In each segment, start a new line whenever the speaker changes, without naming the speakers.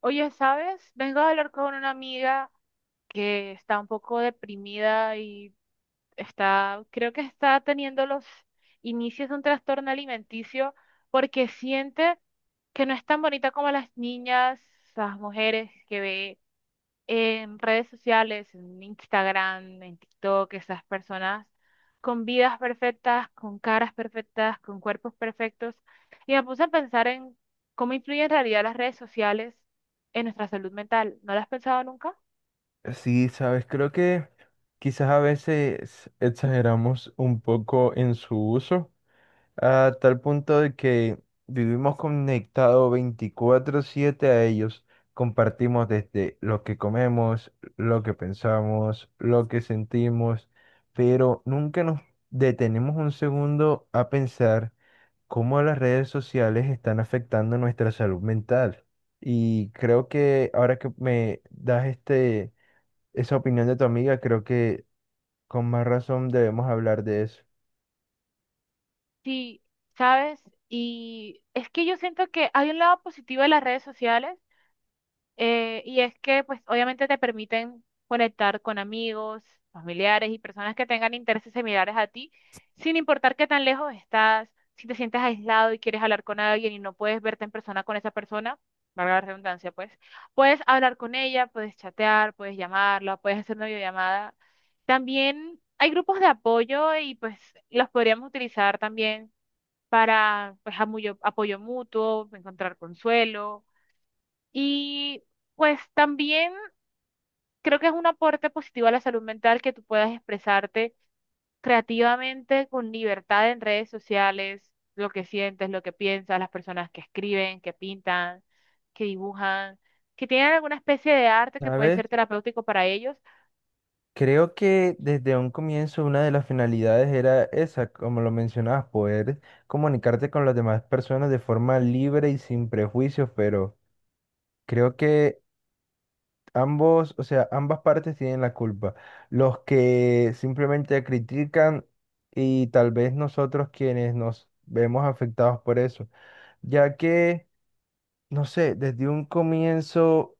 Oye, ¿sabes? Vengo a hablar con una amiga que está un poco deprimida y está, creo que está teniendo los inicios de un trastorno alimenticio porque siente que no es tan bonita como las niñas, las mujeres que ve en redes sociales, en Instagram, en TikTok, esas personas con vidas perfectas, con caras perfectas, con cuerpos perfectos. Y me puse a pensar en cómo influyen en realidad las redes sociales en nuestra salud mental. ¿No lo has pensado nunca?
Sí, sabes, creo que quizás a veces exageramos un poco en su uso, a tal punto de que vivimos conectados 24/7 a ellos. Compartimos desde lo que comemos, lo que pensamos, lo que sentimos, pero nunca nos detenemos un segundo a pensar cómo las redes sociales están afectando nuestra salud mental. Y creo que ahora que me das esa opinión de tu amiga, creo que con más razón debemos hablar de eso.
Sí, ¿sabes? Y es que yo siento que hay un lado positivo de las redes sociales. Y es que, pues, obviamente te permiten conectar con amigos, familiares y personas que tengan intereses similares a ti, sin importar qué tan lejos estás. Si te sientes aislado y quieres hablar con alguien y no puedes verte en persona con esa persona, valga la redundancia, pues, puedes hablar con ella, puedes chatear, puedes llamarla, puedes hacer una videollamada. También hay grupos de apoyo y, pues, los podríamos utilizar también para, pues, apoyo mutuo, encontrar consuelo y pues también creo que es un aporte positivo a la salud mental que tú puedas expresarte creativamente con libertad en redes sociales, lo que sientes, lo que piensas, las personas que escriben, que pintan, que dibujan, que tienen alguna especie de arte que puede
¿Sabes?
ser terapéutico para ellos.
Creo que desde un comienzo una de las finalidades era esa, como lo mencionabas, poder comunicarte con las demás personas de forma libre y sin prejuicios, pero creo que ambas partes tienen la culpa. Los que simplemente critican y tal vez nosotros quienes nos vemos afectados por eso, ya que, no sé, desde un comienzo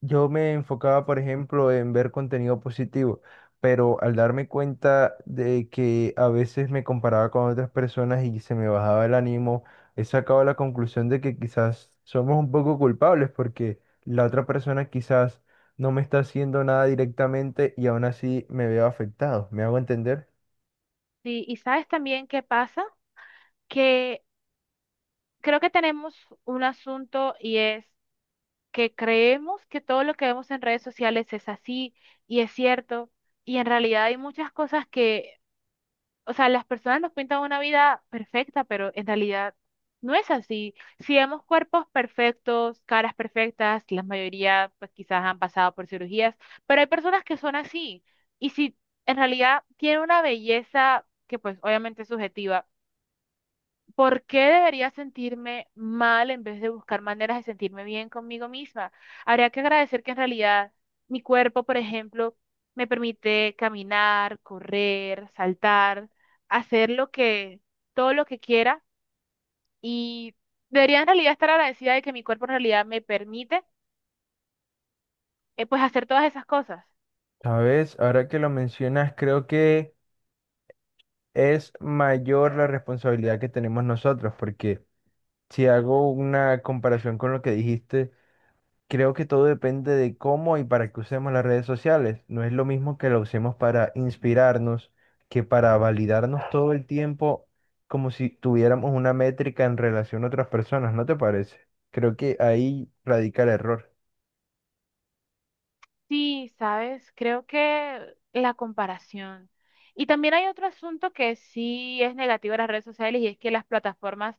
yo me enfocaba, por ejemplo, en ver contenido positivo, pero al darme cuenta de que a veces me comparaba con otras personas y se me bajaba el ánimo, he sacado la conclusión de que quizás somos un poco culpables porque la otra persona quizás no me está haciendo nada directamente y aún así me veo afectado. ¿Me hago entender?
Sí, y sabes también qué pasa, que creo que tenemos un asunto y es que creemos que todo lo que vemos en redes sociales es así y es cierto. Y en realidad hay muchas cosas que... O sea, las personas nos pintan una vida perfecta, pero en realidad no es así. Si vemos cuerpos perfectos, caras perfectas, la mayoría pues quizás han pasado por cirugías, pero hay personas que son así. Y si en realidad tiene una belleza que pues obviamente es subjetiva, ¿por qué debería sentirme mal en vez de buscar maneras de sentirme bien conmigo misma? Habría que agradecer que en realidad mi cuerpo, por ejemplo, me permite caminar, correr, saltar, hacer lo que, todo lo que quiera y debería en realidad estar agradecida de que mi cuerpo en realidad me permite, pues hacer todas esas cosas.
Sabes, ahora que lo mencionas, creo que es mayor la responsabilidad que tenemos nosotros, porque si hago una comparación con lo que dijiste, creo que todo depende de cómo y para qué usemos las redes sociales. No es lo mismo que la usemos para inspirarnos que para validarnos todo el tiempo como si tuviéramos una métrica en relación a otras personas, ¿no te parece? Creo que ahí radica el error.
Sí, sabes, creo que la comparación. Y también hay otro asunto que sí es negativo de las redes sociales y es que las plataformas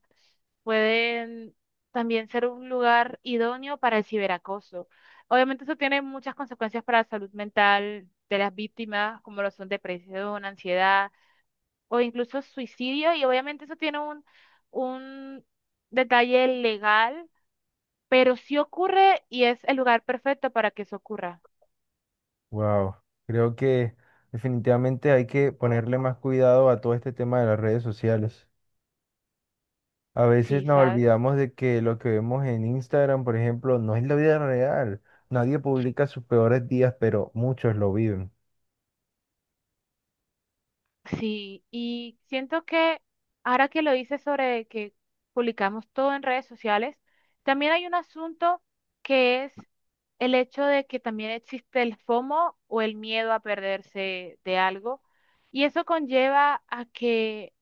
pueden también ser un lugar idóneo para el ciberacoso. Obviamente eso tiene muchas consecuencias para la salud mental de las víctimas, como lo son depresión, ansiedad o incluso suicidio. Y obviamente eso tiene un detalle legal, pero sí ocurre y es el lugar perfecto para que eso ocurra.
Wow. Creo que definitivamente hay que ponerle más cuidado a todo este tema de las redes sociales. A veces
Sí,
nos
¿sabes?
olvidamos de que lo que vemos en Instagram, por ejemplo, no es la vida real. Nadie publica sus peores días, pero muchos lo viven.
Sí, y siento que ahora que lo dices sobre que publicamos todo en redes sociales, también hay un asunto que es el hecho de que también existe el FOMO o el miedo a perderse de algo. Y eso conlleva a que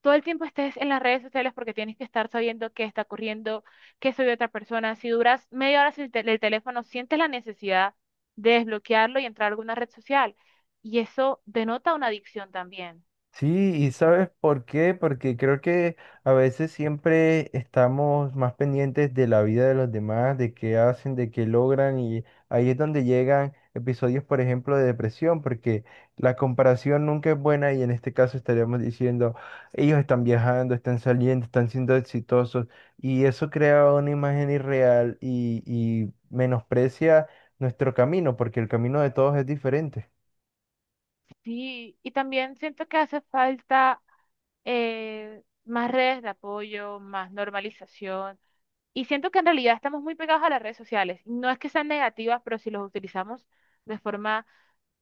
todo el tiempo estés en las redes sociales porque tienes que estar sabiendo qué está ocurriendo, qué soy otra persona. Si duras media hora sin el el teléfono, sientes la necesidad de desbloquearlo y entrar a alguna red social. Y eso denota una adicción también.
Sí, y ¿sabes por qué? Porque creo que a veces siempre estamos más pendientes de la vida de los demás, de qué hacen, de qué logran, y ahí es donde llegan episodios, por ejemplo, de depresión, porque la comparación nunca es buena y en este caso estaríamos diciendo, ellos están viajando, están saliendo, están siendo exitosos, y eso crea una imagen irreal y menosprecia nuestro camino, porque el camino de todos es diferente.
Sí, y también siento que hace falta, más redes de apoyo, más normalización. Y siento que en realidad estamos muy pegados a las redes sociales. No es que sean negativas, pero si los utilizamos de forma,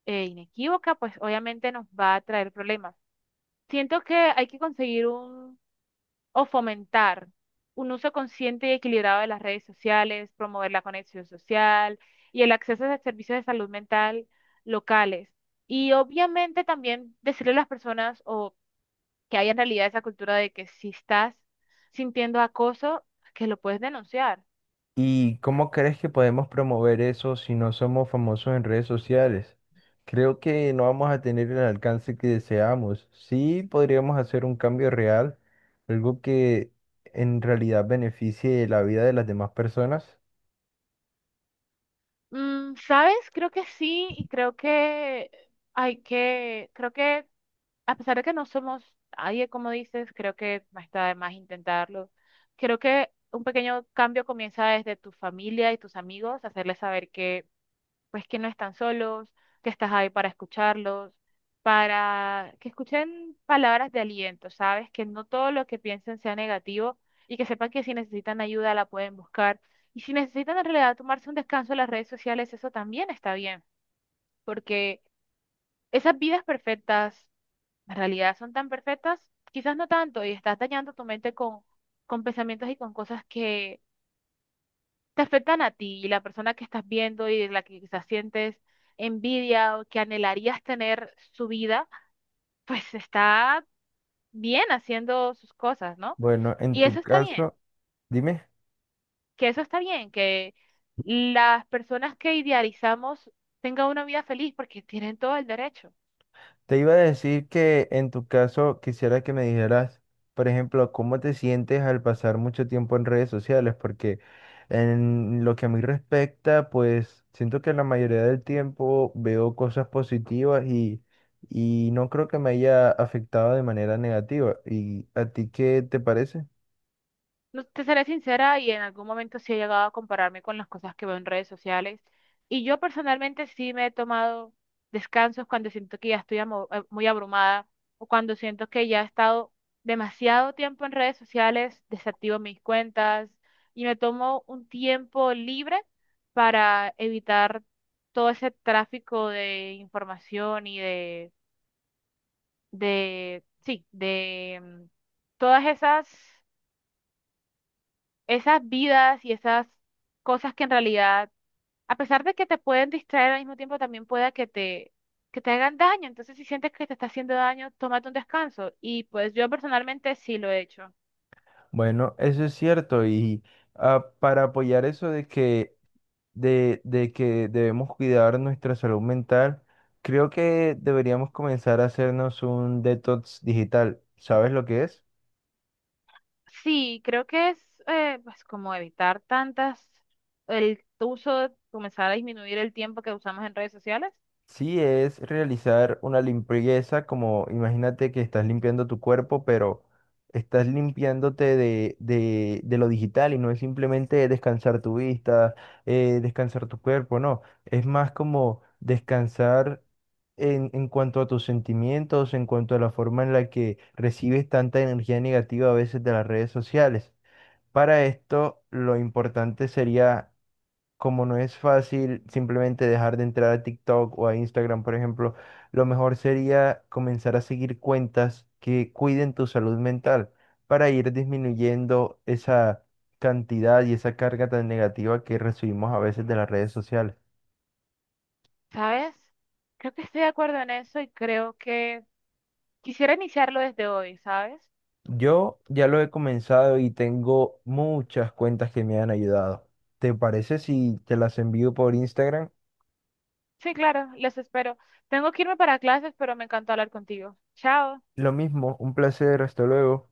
inequívoca, pues obviamente nos va a traer problemas. Siento que hay que conseguir o fomentar un uso consciente y equilibrado de las redes sociales, promover la conexión social y el acceso a servicios de salud mental locales. Y obviamente también decirle a las personas o que haya en realidad esa cultura de que si estás sintiendo acoso, que lo puedes denunciar.
¿Y cómo crees que podemos promover eso si no somos famosos en redes sociales? Creo que no vamos a tener el alcance que deseamos. Sí podríamos hacer un cambio real, algo que en realidad beneficie la vida de las demás personas.
Mm, ¿sabes? Creo que sí y creo que hay que, creo que a pesar de que no somos nadie, como dices, creo que no está de más intentarlo. Creo que un pequeño cambio comienza desde tu familia y tus amigos, hacerles saber que, pues, que no están solos, que estás ahí para escucharlos, para que escuchen palabras de aliento, ¿sabes? Que no todo lo que piensen sea negativo y que sepan que si necesitan ayuda la pueden buscar. Y si necesitan en realidad tomarse un descanso en las redes sociales, eso también está bien, porque esas vidas perfectas en realidad son tan perfectas, quizás no tanto, y estás dañando tu mente con pensamientos y con cosas que te afectan a ti y la persona que estás viendo y de la que quizás sientes envidia o que anhelarías tener su vida, pues está bien haciendo sus cosas, ¿no?
Bueno, en
Y eso
tu
está bien,
caso, dime.
que eso está bien, que las personas que idealizamos tengan una vida feliz porque tienen todo el derecho.
Te iba a decir que en tu caso quisiera que me dijeras, por ejemplo, cómo te sientes al pasar mucho tiempo en redes sociales, porque en lo que a mí respecta, pues siento que la mayoría del tiempo veo cosas positivas y no creo que me haya afectado de manera negativa. ¿Y a ti qué te parece?
No, te seré sincera y en algún momento sí he llegado a compararme con las cosas que veo en redes sociales. Y yo personalmente sí me he tomado descansos cuando siento que ya estoy muy abrumada o cuando siento que ya he estado demasiado tiempo en redes sociales, desactivo mis cuentas y me tomo un tiempo libre para evitar todo ese tráfico de información y sí, de mm, todas esas esas vidas y esas cosas que en realidad, a pesar de que te pueden distraer al mismo tiempo, también pueda que que te hagan daño. Entonces, si sientes que te está haciendo daño, tómate un descanso. Y pues yo personalmente sí lo he hecho.
Bueno, eso es cierto y para apoyar eso de que debemos cuidar nuestra salud mental, creo que deberíamos comenzar a hacernos un detox digital. ¿Sabes lo que es?
Sí, creo que es, pues como evitar tantas, el uso, comenzar a disminuir el tiempo que usamos en redes sociales.
Sí, es realizar una limpieza, como imagínate que estás limpiando tu cuerpo, pero estás limpiándote de lo digital y no es simplemente descansar tu vista, descansar tu cuerpo, no, es más como descansar en cuanto a tus sentimientos, en cuanto a la forma en la que recibes tanta energía negativa a veces de las redes sociales. Para esto, lo importante sería como no es fácil simplemente dejar de entrar a TikTok o a Instagram, por ejemplo, lo mejor sería comenzar a seguir cuentas que cuiden tu salud mental para ir disminuyendo esa cantidad y esa carga tan negativa que recibimos a veces de las redes sociales.
¿Sabes? Creo que estoy de acuerdo en eso y creo que quisiera iniciarlo desde hoy, ¿sabes?
Yo ya lo he comenzado y tengo muchas cuentas que me han ayudado. ¿Te parece si te las envío por Instagram?
Sí, claro, les espero. Tengo que irme para clases, pero me encantó hablar contigo. Chao.
Lo mismo, un placer, hasta luego.